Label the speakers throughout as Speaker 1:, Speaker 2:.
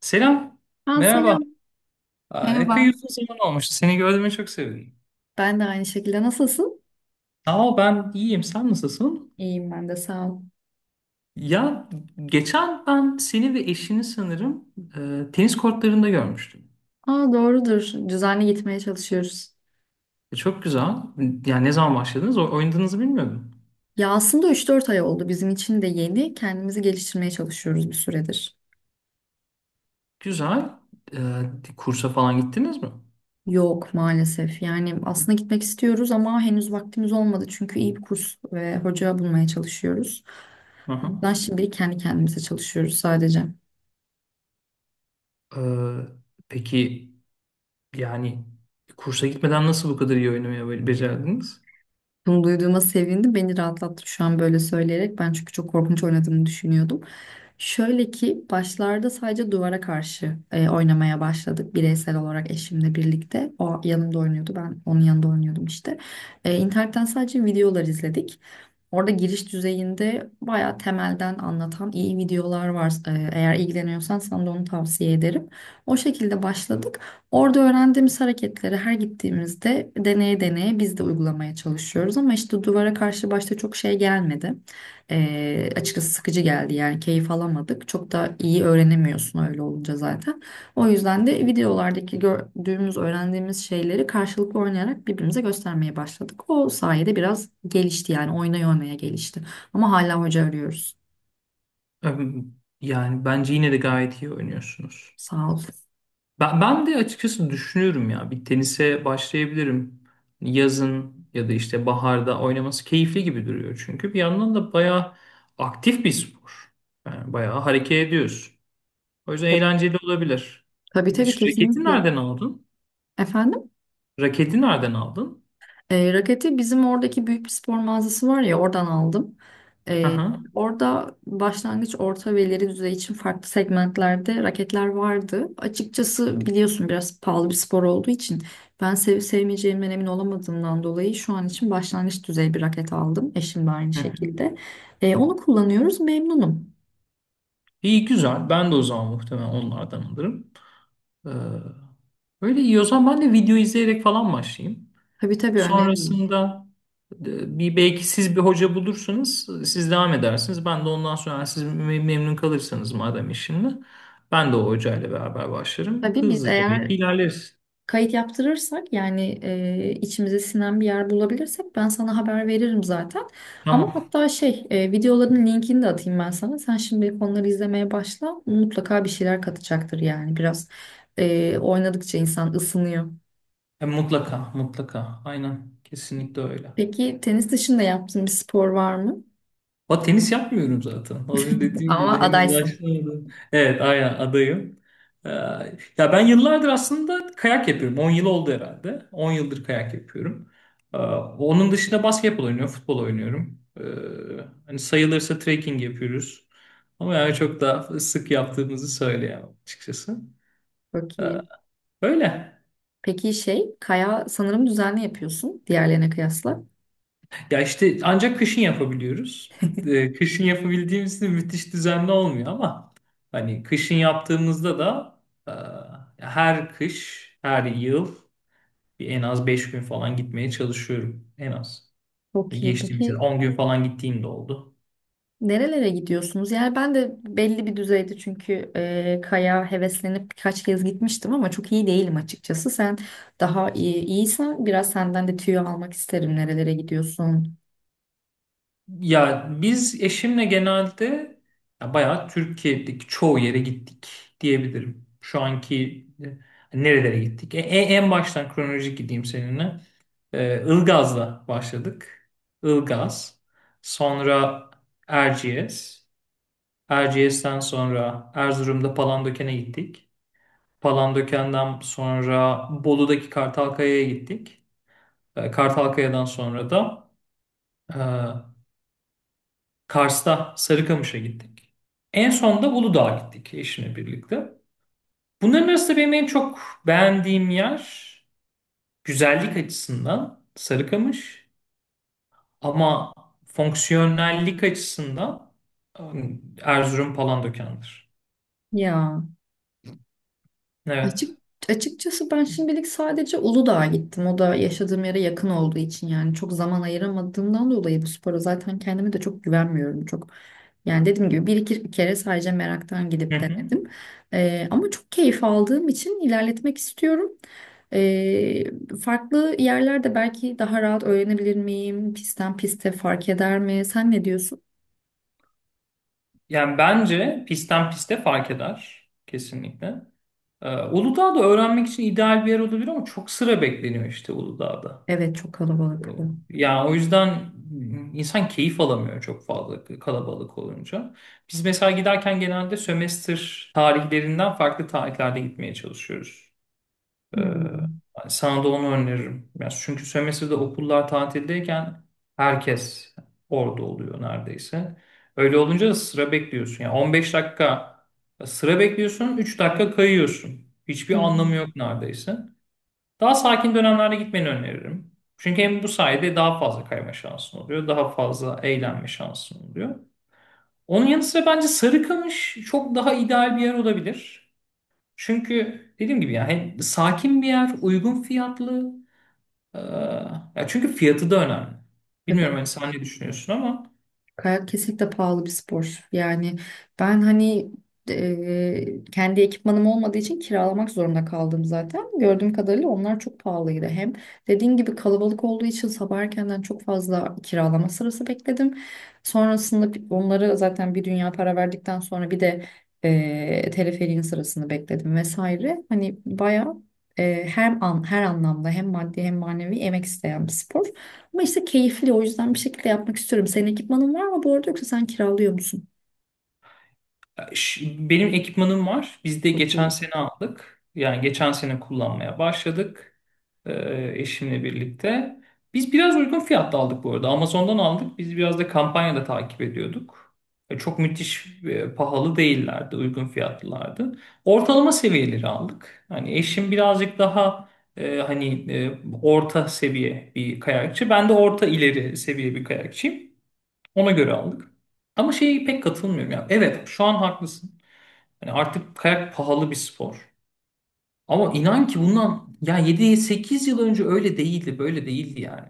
Speaker 1: Selam,
Speaker 2: Ha
Speaker 1: merhaba.
Speaker 2: selam.
Speaker 1: Epey
Speaker 2: Merhaba.
Speaker 1: uzun zaman olmuştu. Seni gördüğüme çok sevindim.
Speaker 2: Ben de aynı şekilde. Nasılsın?
Speaker 1: Sağ ol, ben iyiyim. Sen nasılsın?
Speaker 2: İyiyim ben de sağ ol.
Speaker 1: Ya geçen ben seni ve eşini sanırım tenis kortlarında görmüştüm.
Speaker 2: Aa doğrudur. Düzenli gitmeye çalışıyoruz.
Speaker 1: Çok güzel. Yani ne zaman başladınız? Oynadığınızı bilmiyordum.
Speaker 2: Ya aslında 3-4 ay oldu. Bizim için de yeni. Kendimizi geliştirmeye çalışıyoruz bir süredir.
Speaker 1: Güzel. Kursa falan gittiniz mi?
Speaker 2: Yok maalesef. Yani aslında gitmek istiyoruz ama henüz vaktimiz olmadı. Çünkü iyi bir kurs ve hoca bulmaya çalışıyoruz.
Speaker 1: Hı hı.
Speaker 2: Ben şimdilik kendi kendimize çalışıyoruz sadece.
Speaker 1: E, peki yani kursa gitmeden nasıl bu kadar iyi oynamayı becerdiniz?
Speaker 2: Bunu duyduğuma sevindim. Beni rahatlattı şu an böyle söyleyerek. Ben çünkü çok korkunç oynadığımı düşünüyordum. Şöyle ki başlarda sadece duvara karşı oynamaya başladık. Bireysel olarak eşimle birlikte. O yanımda oynuyordu. Ben onun yanında oynuyordum işte. İnternetten sadece videolar izledik. Orada giriş düzeyinde bayağı temelden anlatan iyi videolar var. Eğer ilgileniyorsan sana da onu tavsiye ederim. O şekilde başladık. Orada öğrendiğimiz hareketleri her gittiğimizde deneye deneye biz de uygulamaya çalışıyoruz. Ama işte duvara karşı başta çok şey gelmedi. Açıkçası sıkıcı geldi yani keyif alamadık. Çok da iyi öğrenemiyorsun öyle olunca zaten. O yüzden de videolardaki gördüğümüz, öğrendiğimiz şeyleri karşılıklı oynayarak birbirimize göstermeye başladık. O sayede biraz gelişti yani oynaya oynaya gelişti. Ama hala hoca arıyoruz.
Speaker 1: E, Yani bence yine de gayet iyi oynuyorsunuz.
Speaker 2: Sağ ol.
Speaker 1: Ben de açıkçası düşünüyorum ya bir tenise başlayabilirim. Hani yazın ya da işte baharda oynaması keyifli gibi duruyor. Çünkü bir yandan da bayağı aktif bir spor. Yani bayağı hareket ediyorsun. O yüzden eğlenceli olabilir.
Speaker 2: Tabii tabii
Speaker 1: Hiç raketi
Speaker 2: kesinlikle.
Speaker 1: nereden aldın?
Speaker 2: Efendim?
Speaker 1: Raketi nereden aldın?
Speaker 2: Raketi bizim oradaki büyük bir spor mağazası var ya oradan aldım.
Speaker 1: Hı
Speaker 2: E,
Speaker 1: hı.
Speaker 2: Orada başlangıç, orta ve ileri düzey için farklı segmentlerde raketler vardı. Açıkçası biliyorsun biraz pahalı bir spor olduğu için ben sevip sevmeyeceğimden emin olamadığımdan dolayı şu an için başlangıç düzey bir raket aldım. Eşim de aynı
Speaker 1: Hı hı.
Speaker 2: şekilde. Onu kullanıyoruz memnunum.
Speaker 1: İyi güzel. Ben de o zaman muhtemelen onlardan alırım. Ee, Öyle iyi o zaman ben de video izleyerek falan başlayayım.
Speaker 2: Tabii tabii öneririm.
Speaker 1: Sonrasında bir belki siz bir hoca bulursunuz. Siz devam edersiniz. Ben de ondan sonra eğer siz memnun kalırsanız madem işimle ben de o hocayla beraber başlarım.
Speaker 2: Tabii biz
Speaker 1: Hızlıca belki
Speaker 2: eğer
Speaker 1: ilerleriz.
Speaker 2: kayıt yaptırırsak yani içimize sinen bir yer bulabilirsek ben sana haber veririm zaten. Ama
Speaker 1: Tamam.
Speaker 2: hatta videoların linkini de atayım ben sana. Sen şimdi onları izlemeye başla. Mutlaka bir şeyler katacaktır yani biraz oynadıkça insan ısınıyor.
Speaker 1: Mutlaka, mutlaka. Aynen. Kesinlikle öyle.
Speaker 2: Peki tenis dışında yaptığın bir spor var mı?
Speaker 1: O tenis yapmıyorum zaten. Az önce dediğim gibi
Speaker 2: Ama
Speaker 1: henüz
Speaker 2: adaysın.
Speaker 1: başlamadım. Evet, aynen adayım. Ee, Ya ben yıllardır aslında kayak yapıyorum. 10 yıl oldu herhalde. 10 yıldır kayak yapıyorum. Onun dışında basketbol oynuyorum, futbol oynuyorum. Hani sayılırsa trekking yapıyoruz. Ama yani çok daha sık yaptığımızı söyleyemem açıkçası.
Speaker 2: Çok
Speaker 1: Ee,
Speaker 2: iyi.
Speaker 1: Öyle.
Speaker 2: Peki şey, kaya sanırım düzenli yapıyorsun diğerlerine kıyasla.
Speaker 1: Ya işte ancak kışın yapabiliyoruz. Kışın yapabildiğimiz de müthiş düzenli olmuyor ama hani kışın yaptığımızda da eee, her kış, her yıl bir en az 5 gün falan gitmeye çalışıyorum. En az.
Speaker 2: Çok iyi.
Speaker 1: Geçtiğimiz yıl
Speaker 2: Peki
Speaker 1: 10 gün falan gittiğim de oldu.
Speaker 2: nerelere gidiyorsunuz? Yani ben de belli bir düzeyde çünkü kaya heveslenip birkaç kez gitmiştim ama çok iyi değilim açıkçası. Sen daha iyiysen biraz senden de tüyo almak isterim. Nerelere gidiyorsun?
Speaker 1: Ya biz eşimle genelde ya bayağı Türkiye'deki çoğu yere gittik diyebilirim. Şu anki nerelere gittik? En baştan kronolojik gideyim seninle. Ilgaz'la başladık. Ilgaz. Sonra Erciyes. Erciyes'ten sonra Erzurum'da Palandöken'e gittik. Palandöken'den sonra Bolu'daki Kartalkaya'ya gittik. Kartalkaya'dan sonra da e, Kars'ta Sarıkamış'a gittik. En son da Uludağ'a gittik eşimle birlikte. Bunların arasında benim en çok beğendiğim yer güzellik açısından Sarıkamış. Ama fonksiyonellik açısından Erzurum Palandöken'dir.
Speaker 2: Ya.
Speaker 1: Evet.
Speaker 2: Açık, açıkçası ben şimdilik sadece Uludağ'a gittim. O da yaşadığım yere yakın olduğu için yani çok zaman ayıramadığımdan dolayı bu spora zaten kendime de çok güvenmiyorum. Çok yani dediğim gibi bir iki kere sadece meraktan
Speaker 1: Hı
Speaker 2: gidip
Speaker 1: hı.
Speaker 2: denedim. Ama çok keyif aldığım için ilerletmek istiyorum. Farklı yerlerde belki daha rahat öğrenebilir miyim? Pistten piste fark eder mi? Sen ne diyorsun?
Speaker 1: Yani bence pistten piste fark eder. Kesinlikle. Uludağ'da öğrenmek için ideal bir yer olabilir ama çok sıra bekleniyor işte Uludağ'da.
Speaker 2: Evet çok kalabalık.
Speaker 1: Yani o yüzden insan keyif alamıyor çok fazla kalabalık olunca. Biz mesela giderken genelde sömestr tarihlerinden farklı tarihlerde gitmeye çalışıyoruz. Ee,
Speaker 2: Hmm.
Speaker 1: Yani sana da onu öneririm. Yani çünkü sömestrde okullar tatildeyken herkes orada oluyor neredeyse. Öyle olunca da sıra bekliyorsun. Yani 15 dakika sıra bekliyorsun, 3 dakika kayıyorsun. Hiçbir
Speaker 2: Hı hı.
Speaker 1: anlamı yok neredeyse. Daha sakin dönemlerde gitmeni öneririm. Çünkü hem bu sayede daha fazla kayma şansın oluyor, daha fazla eğlenme şansın oluyor. Onun yanı sıra bence Sarıkamış çok daha ideal bir yer olabilir. Çünkü dediğim gibi yani hem sakin bir yer, uygun fiyatlı. Ee, Ya çünkü fiyatı da önemli. Bilmiyorum
Speaker 2: Tabii.
Speaker 1: hani sen ne düşünüyorsun ama
Speaker 2: Kayak kesinlikle pahalı bir spor. Yani ben hani kendi ekipmanım olmadığı için kiralamak zorunda kaldım zaten. Gördüğüm kadarıyla onlar çok pahalıydı. Hem dediğim gibi kalabalık olduğu için sabah erkenden çok fazla kiralama sırası bekledim. Sonrasında onları zaten bir dünya para verdikten sonra bir de teleferiğin sırasını bekledim vesaire. Hani bayağı her anlamda hem maddi hem manevi emek isteyen bir spor. Ama işte keyifli o yüzden bir şekilde yapmak istiyorum. Senin ekipmanın var mı bu arada yoksa sen kiralıyor musun?
Speaker 1: Ş- benim ekipmanım var. Biz de
Speaker 2: Çok
Speaker 1: geçen
Speaker 2: iyi.
Speaker 1: sene aldık. Yani geçen sene kullanmaya başladık. Eşimle birlikte. Biz biraz uygun fiyatta aldık bu arada. Amazon'dan aldık. Biz biraz da kampanyada takip ediyorduk. Çok müthiş pahalı değillerdi. Uygun fiyatlılardı. Ortalama seviyeleri aldık. Hani eşim birazcık daha orta seviye bir kayakçı. Ben de orta ileri seviye bir kayakçıyım. Ona göre aldık. Ama şeye pek katılmıyorum ya. Evet, şu an haklısın. Yani artık kayak pahalı bir spor. Ama inan ki bundan ya 7-8 yıl önce öyle değildi, böyle değildi yani.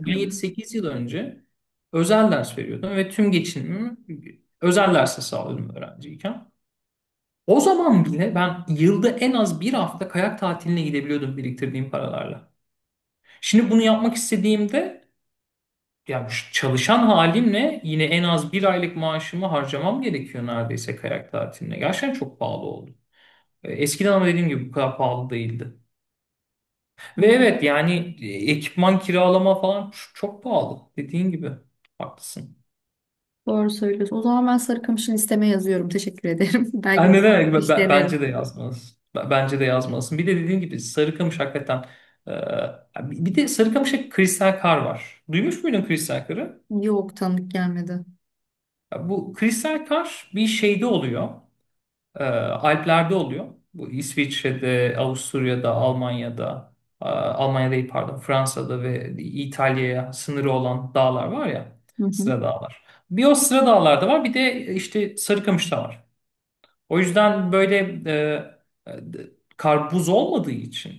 Speaker 1: Ben
Speaker 2: mi?
Speaker 1: 7-8 yıl önce özel ders veriyordum ve tüm geçinimimi özel derse sağlıyordum öğrenciyken. O zaman bile ben yılda en az bir hafta kayak tatiline gidebiliyordum biriktirdiğim paralarla. Şimdi bunu yapmak istediğimde ya şu çalışan halimle yine en az bir aylık maaşımı harcamam gerekiyor neredeyse kayak tatiline. Gerçekten çok pahalı oldu. Eskiden ama dediğim gibi bu kadar pahalı değildi.
Speaker 2: Hı.
Speaker 1: Ve evet yani ekipman kiralama falan çok pahalı. Dediğin gibi. Haklısın.
Speaker 2: Doğru söylüyorsun. O zaman ben Sarıkamış'ın listeme yazıyorum. Teşekkür ederim. Belki
Speaker 1: Yani
Speaker 2: bir
Speaker 1: ne
Speaker 2: sonraki
Speaker 1: demek?
Speaker 2: iş denerim.
Speaker 1: Bence de yazmalısın. Bence de yazmalısın. Bir de dediğin gibi Sarıkamış hakikaten. e, Bir de Sarıkamış'ta kristal kar var. Duymuş muydun kristal karı?
Speaker 2: Yok tanıdık gelmedi.
Speaker 1: Ya bu kristal kar bir şeyde oluyor. Alplerde oluyor. Bu İsviçre'de, Avusturya'da, Almanya'da, Almanya değil pardon, Fransa'da ve İtalya'ya sınırı olan dağlar var ya,
Speaker 2: Hı hı.
Speaker 1: sıra dağlar. Bir o sıra dağlarda var, bir de işte Sarıkamış'ta var. O yüzden böyle e, e, karpuz olmadığı için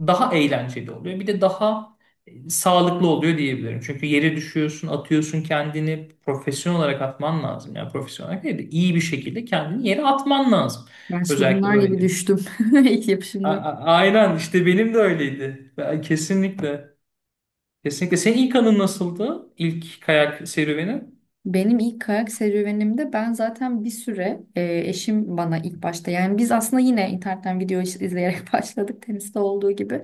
Speaker 1: daha eğlenceli oluyor. Bir de daha sağlıklı oluyor diyebilirim. Çünkü yere düşüyorsun, atıyorsun kendini profesyonel olarak atman lazım. Yani profesyonel olarak değil de iyi bir şekilde kendini yere atman lazım.
Speaker 2: Ben şimdi
Speaker 1: Özellikle
Speaker 2: bunlar gibi
Speaker 1: öğrenirken.
Speaker 2: düştüm ilk yapışımda.
Speaker 1: Aynen işte benim de öyleydi. Kesinlikle. Kesinlikle. Senin ilk anın nasıldı? İlk kayak serüveni?
Speaker 2: Benim ilk kayak serüvenimde ben zaten bir süre eşim bana ilk başta yani biz aslında yine internetten izleyerek başladık teniste olduğu gibi.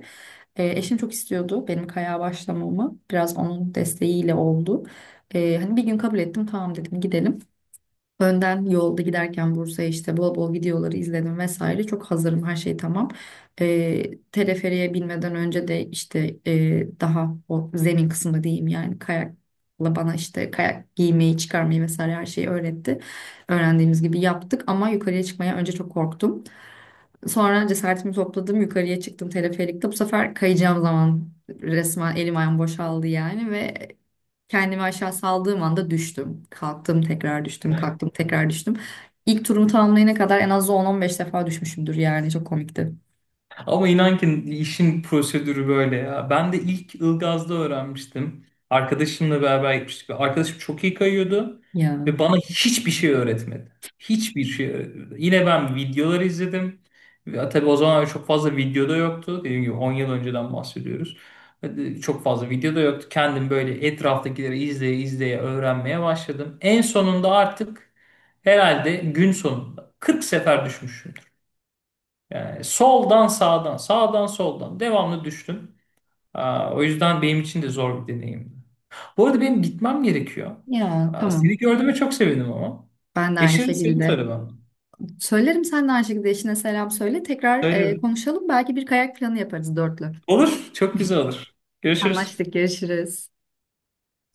Speaker 2: Eşim çok istiyordu benim kayağa başlamamı biraz onun desteğiyle oldu. Hani bir gün kabul ettim tamam dedim gidelim. Önden yolda giderken Bursa'ya işte bol bol videoları izledim vesaire. Çok hazırım her şey tamam. Teleferiğe binmeden önce de işte daha o zemin kısmı diyeyim yani kayakla bana işte kayak giymeyi çıkarmayı vesaire her şeyi öğretti. Öğrendiğimiz gibi yaptık ama yukarıya çıkmaya önce çok korktum. Sonra cesaretimi topladım yukarıya çıktım teleferikte. Bu sefer kayacağım zaman resmen elim ayağım boşaldı yani ve kendimi aşağı saldığım anda düştüm. Kalktım tekrar düştüm, kalktım tekrar düştüm. İlk turumu tamamlayana kadar en az 10-15 defa düşmüşümdür yani çok komikti.
Speaker 1: Ama inan ki işin prosedürü böyle ya. Ben de ilk Ilgaz'da öğrenmiştim. Arkadaşımla beraber gitmiştik. Arkadaşım çok iyi kayıyordu
Speaker 2: Ya,
Speaker 1: ve bana hiçbir şey öğretmedi. Hiçbir şey öğretmedi. Yine ben videoları izledim. Ve tabii o zaman çok fazla videoda yoktu. Dediğim gibi 10 yıl önceden bahsediyoruz. Çok fazla videoda yoktu. Kendim böyle etraftakileri izleye izleye öğrenmeye başladım. En sonunda artık herhalde gün sonunda 40 sefer düşmüşüm. Yani soldan sağdan, sağdan soldan devamlı düştüm. O yüzden benim için de zor bir deneyimdi. Bu arada benim gitmem gerekiyor.
Speaker 2: ya
Speaker 1: Seni
Speaker 2: tamam.
Speaker 1: gördüğüme çok sevindim ama.
Speaker 2: Ben de aynı
Speaker 1: Eşine de seni
Speaker 2: şekilde.
Speaker 1: söyle bana.
Speaker 2: Söylerim sen de aynı şekilde eşine selam söyle. Tekrar
Speaker 1: Söylerim.
Speaker 2: konuşalım. Belki bir kayak planı yaparız dörtlü.
Speaker 1: Olur, çok güzel olur. Görüşürüz.
Speaker 2: Anlaştık, görüşürüz.